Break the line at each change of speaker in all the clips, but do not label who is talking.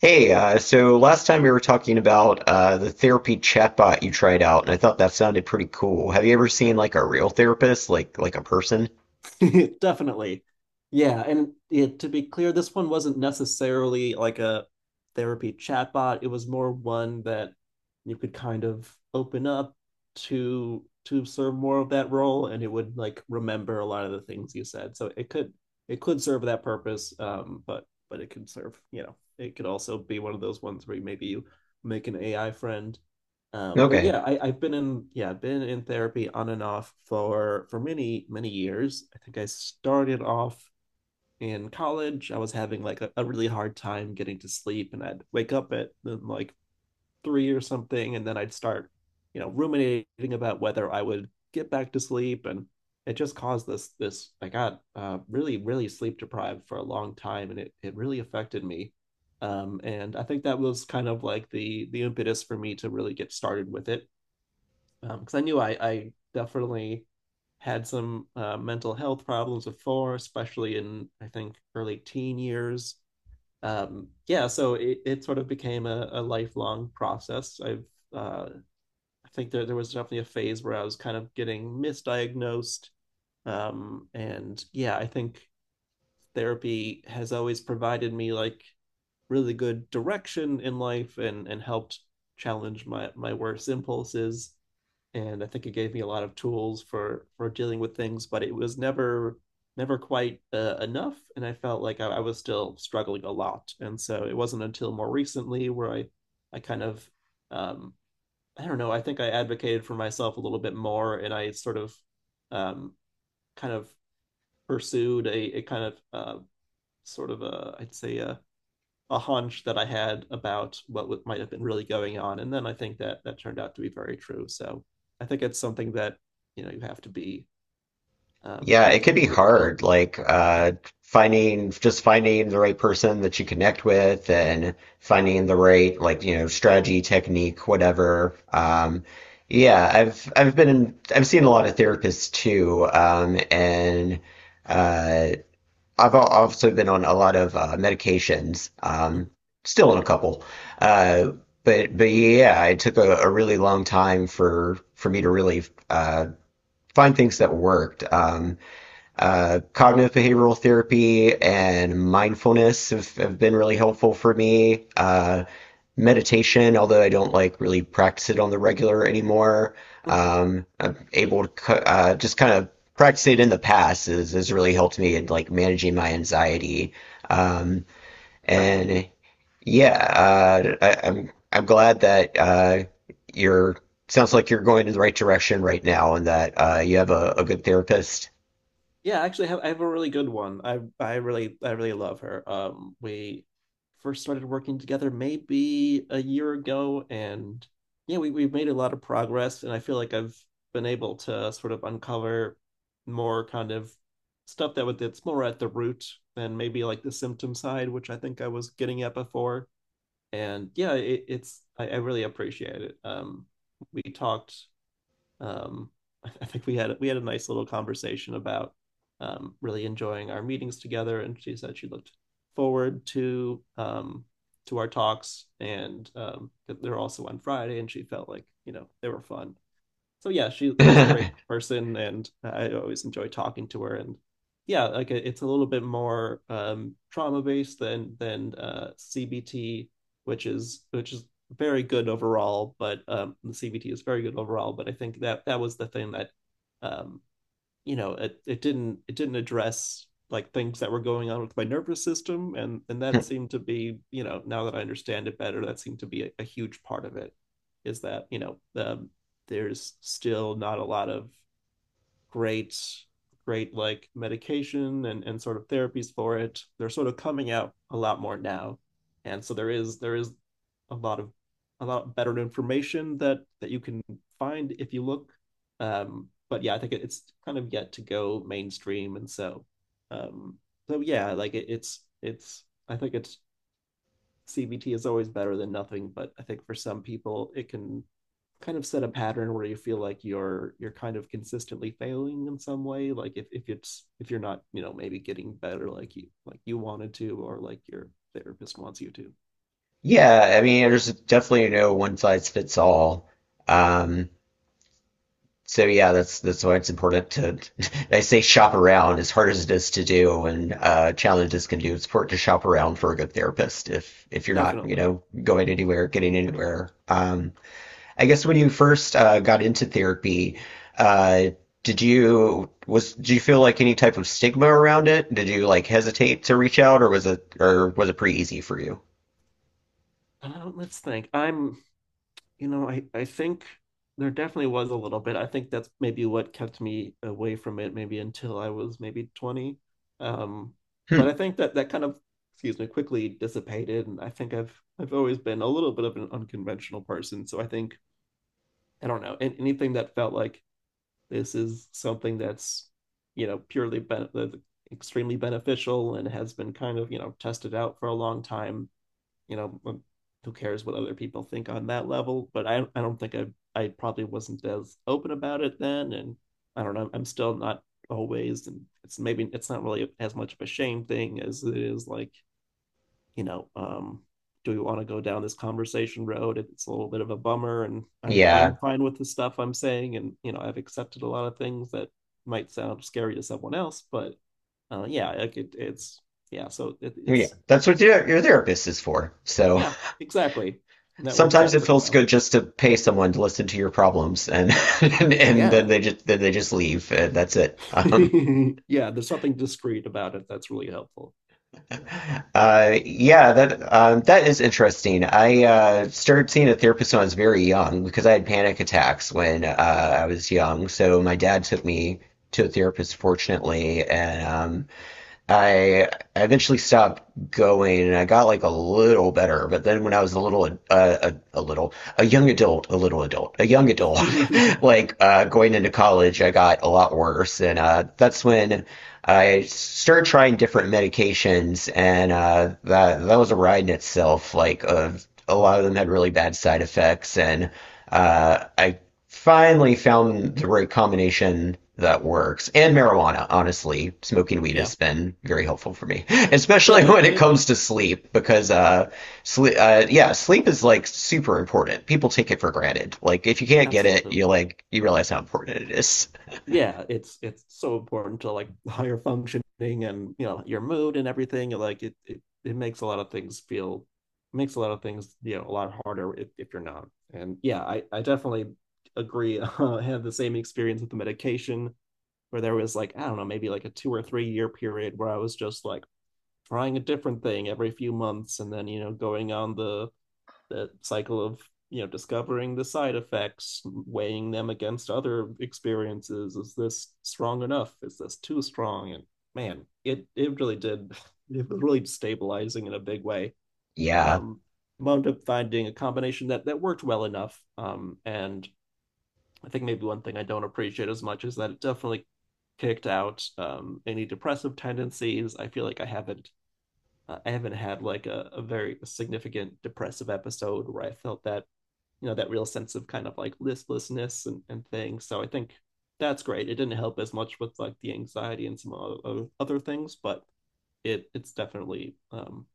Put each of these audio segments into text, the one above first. Hey, so last time we were talking about the therapy chatbot you tried out, and I thought that sounded pretty cool. Have you ever seen like a real therapist, like a person?
Definitely. Yeah, and yeah, to be clear, this one wasn't necessarily like a therapy chatbot. It was more one that you could kind of open up to serve more of that role, and it would like remember a lot of the things you said. So it could serve that purpose, but it could serve, you know, it could also be one of those ones where maybe you make an AI friend, but
Okay.
yeah, I've been in therapy on and off for many, many years. I think I started off in college. I was having like a really hard time getting to sleep, and I'd wake up at like three or something, and then I'd start ruminating about whether I would get back to sleep. And it just caused this. I got really, really sleep deprived for a long time, and it really affected me. And I think that was kind of like the impetus for me to really get started with it because I knew I definitely had some mental health problems before, especially in, I think, early teen years. Yeah, so it sort of became a lifelong process. Uh, I think there was definitely a phase where I was kind of getting misdiagnosed. And yeah, I think therapy has always provided me like really good direction in life, and helped challenge my worst impulses, and I think it gave me a lot of tools for dealing with things, but it was never quite enough, and I felt like I was still struggling a lot. And so it wasn't until more recently where I kind of um, I don't know. I think I advocated for myself a little bit more, and I sort of, um, kind of pursued a kind of, sort of, a, I'd say, a hunch that I had about what might have been really going on, and then I think that that turned out to be very true. So I think it's something that, you know, you have to be
Yeah,
you have
it
to
could
be a
be
little bit built.
hard,
Yeah.
finding just finding the right person that you connect with and finding the right like you know strategy, technique, whatever. Yeah, I've been I've seen a lot of therapists too, and uh, also been on a lot of medications,
Mm-hmm.
still on a couple. Uh, but yeah, it took a really long time for me to really uh, find things that worked. Cognitive behavioral therapy and mindfulness have been really helpful for me. Meditation, although I don't like really practice it on the regular anymore.
Mm-hmm.
I'm able to just kind of practice it in the past has really helped me in like managing my anxiety. Um, and yeah, I'm glad that you're sounds like you're going in the right direction right now and that you have a good therapist.
Yeah, actually, I have a really good one. I really love her. We first started working together maybe a year ago, and yeah, we've made a lot of progress, and I feel like I've been able to sort of uncover more kind of stuff that's more at the root than maybe like the symptom side, which I think I was getting at before. And yeah, I really appreciate it. We talked, um, I think we had a nice little conversation about, really enjoying our meetings together, and she said she looked forward to our talks, and, they're also on Friday, and she felt like, you know, they were fun. So yeah, she's a great person, and I always enjoy talking to her. And yeah, like it's a little bit more, trauma based than CBT, which is very good overall. But the CBT is very good overall. But I think that that was the thing that, um, you know, it didn't address like things that were going on with my nervous system, and that seemed to be, you know, now that I understand it better, that seemed to be a huge part of it, is that, you know, there's still not a lot of great great like medication and sort of therapies for it. They're sort of coming out a lot more now, and so there is a lot of a lot better information that you can find if you look. But yeah, I think it's kind of yet to go mainstream, and um so yeah, like it's I think, it's CBT is always better than nothing, but I think for some people it can kind of set a pattern where you feel like you're kind of consistently failing in some way, like if you're not, you know, maybe getting better like you, wanted to, or like your therapist wants you to.
Yeah, I mean, there's definitely no one size fits all. Um, so yeah, that's why it's important to I say shop around as hard as it is to do and challenges can do. It's important to shop around for a good therapist if you're not, you
Definitely.
know, going anywhere, getting anywhere. I guess when you first got into therapy, uh, did you feel like any type of stigma around it? Did you like hesitate to reach out, or was it pretty easy for you?
Let's think. I'm you know i i think there definitely was a little bit. I think that's maybe what kept me away from it maybe until I was maybe 20. Um but
Hmm.
I think that that kind of, excuse me, quickly dissipated, and I think I've always been a little bit of an unconventional person. So I don't know, and anything that felt like this is something that's, you know, extremely beneficial and has been kind of, you know, tested out for a long time. You know, who cares what other people think on that level? But I don't think I probably wasn't as open about it then. And I don't know, I'm still not always, and it's maybe it's not really as much of a shame thing as it is, like, you know, do we want to go down this conversation road? It's a little bit of a bummer, and I'm
Yeah.
I'm fine with the stuff I'm saying, and, you know, I've accepted a lot of things that might sound scary to someone else. But yeah, like it, it's yeah, so it,
Yeah,
it's
that's what your therapist is for. So
yeah, exactly, and that works
sometimes
out
it
pretty
feels
well.
good just to pay someone to listen to your problems, and and then
Yeah,
they just leave, and that's it.
yeah, there's something discreet about it that's really helpful.
Yeah, that is interesting. I started seeing a therapist when I was very young because I had panic attacks when
Okay.
I was young. So my dad took me to a therapist, fortunately, and I eventually stopped going and I got like a little better, but then when I was a little a little a young adult, a little adult, a young adult, like going into college, I got a lot worse, and that's when I started trying different medications, and that was a ride in itself. Like a
Oh
lot of them had
boy.
really bad side effects, and I finally found the right combination that works. And marijuana, honestly, smoking weed
Yeah,
has been very helpful for me
yeah,
especially
it
when it
definitely,
comes to sleep. Because sleep yeah, sleep is like super important. People take it for granted. Like if you can't get it
absolutely.
you realize how important it is.
Yeah, it's so important to, like, higher functioning and, you know, your mood and everything. Like it makes a lot of things feel, makes a lot of things, you know, a lot harder if you're not. And yeah, I definitely agree. I had the same experience with the medication, where there was, like, I don't know, maybe like a 2 or 3 year period where I was just like trying a different thing every few months, and then, you know, going on the cycle of, you know, discovering the side effects, weighing them against other experiences. Is this strong enough? Is this too strong? And, man, it really did, it was really stabilizing in a big way.
Yeah.
um Wound up finding a combination that worked well enough. And I think maybe one thing I don't appreciate as much is that it definitely kicked out, any depressive tendencies. I feel like I haven't had like a very significant depressive episode where I felt that, you know, that real sense of kind of like listlessness and things. So I think that's great. It didn't help as much with like the anxiety and some other things, but it's definitely,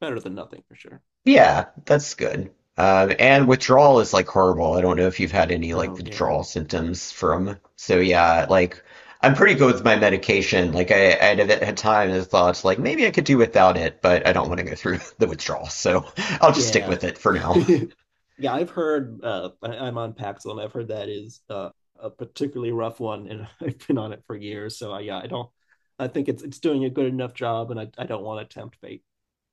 better than nothing for sure.
Yeah, that's good. And withdrawal is like horrible. I don't know if you've had any like
Oh yeah.
withdrawal symptoms from. So yeah, like I'm pretty good with my medication. I had at times I thought like maybe I could do without it, but I don't want to go through the withdrawal, so I'll just stick
Yeah.
with it for now.
Yeah, I've heard, I'm on Paxil, and I've heard that is a particularly rough one, and I've been on it for years, so I, yeah I don't I think it's doing a good enough job, and I don't want to tempt fate.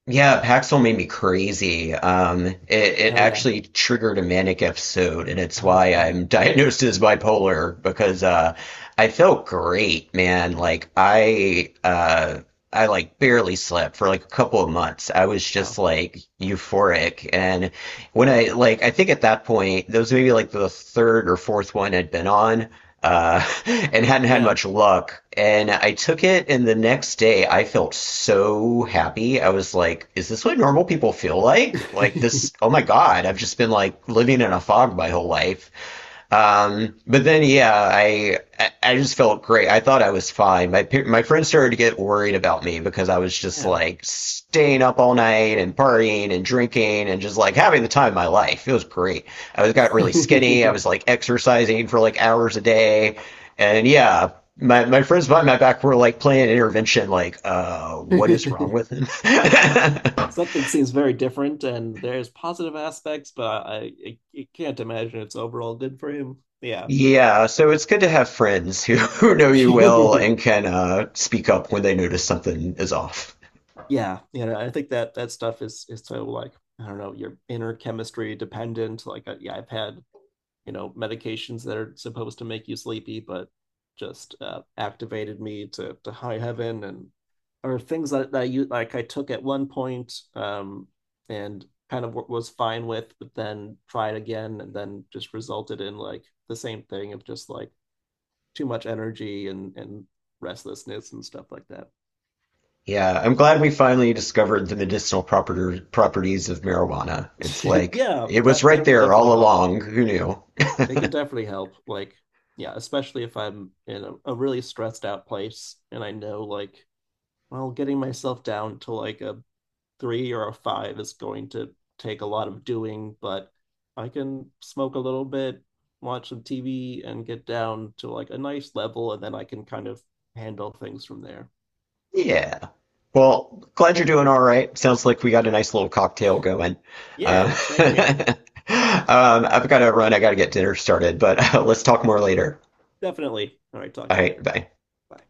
Yeah, Paxil made me crazy. It
Oh yeah.
actually triggered a manic episode, and it's
Oh
why I'm
man.
diagnosed as bipolar because I felt great, man. I like barely slept for like a couple of months. I was
Oh
just like euphoric. And when I like, I think at that point, that was maybe like the third or fourth one I'd been on, and hadn't had
yeah.
much luck. And I took it, and the next day I felt so happy. I was like, is this what normal people feel like? Like this, oh my God, I've just been like living in a fog my whole life. But then, yeah, I just felt great. I thought I was fine. My friends started to get worried about me because I was just
Yeah.
like staying up all night and partying and drinking and just like having the time of my life. It was great. I was got really skinny. I was like exercising for like hours a day, and yeah. My friends behind my back were like playing intervention, like, what is wrong with him?
Something seems very different, and there's positive aspects, but I can't imagine it's overall good for him. Yeah.
Yeah, so it's good to have friends who know you well and can speak up when they notice something is off.
Yeah, you know, I think that that stuff is so, like, I don't know, your inner chemistry dependent. Like, yeah, I've had, you know, medications that are supposed to make you sleepy but just, activated me to high heaven. And, or things that you, like, I took at one point, and kind of was fine with, but then tried again, and then just resulted in like the same thing of just like too much energy and restlessness and stuff like that.
Yeah, I'm glad we finally discovered the medicinal properties of marijuana. It's like
Yeah,
it was
that
right
that can
there
definitely
all
help.
along. Who knew?
It can definitely help, like, yeah, especially if I'm in a really stressed out place, and I know, like, well, getting myself down to like a three or a five is going to take a lot of doing. But I can smoke a little bit, watch some TV, and get down to like a nice level, and then I can kind of handle things from there.
Yeah. Well, glad you're doing all right. Sounds like we got a nice little cocktail going. Uh,
Yeah, same here.
um, I've got to run. I got to get dinner started, but let's talk more later.
Definitely. All right, talk
All
to you
right,
later.
bye.
Bye.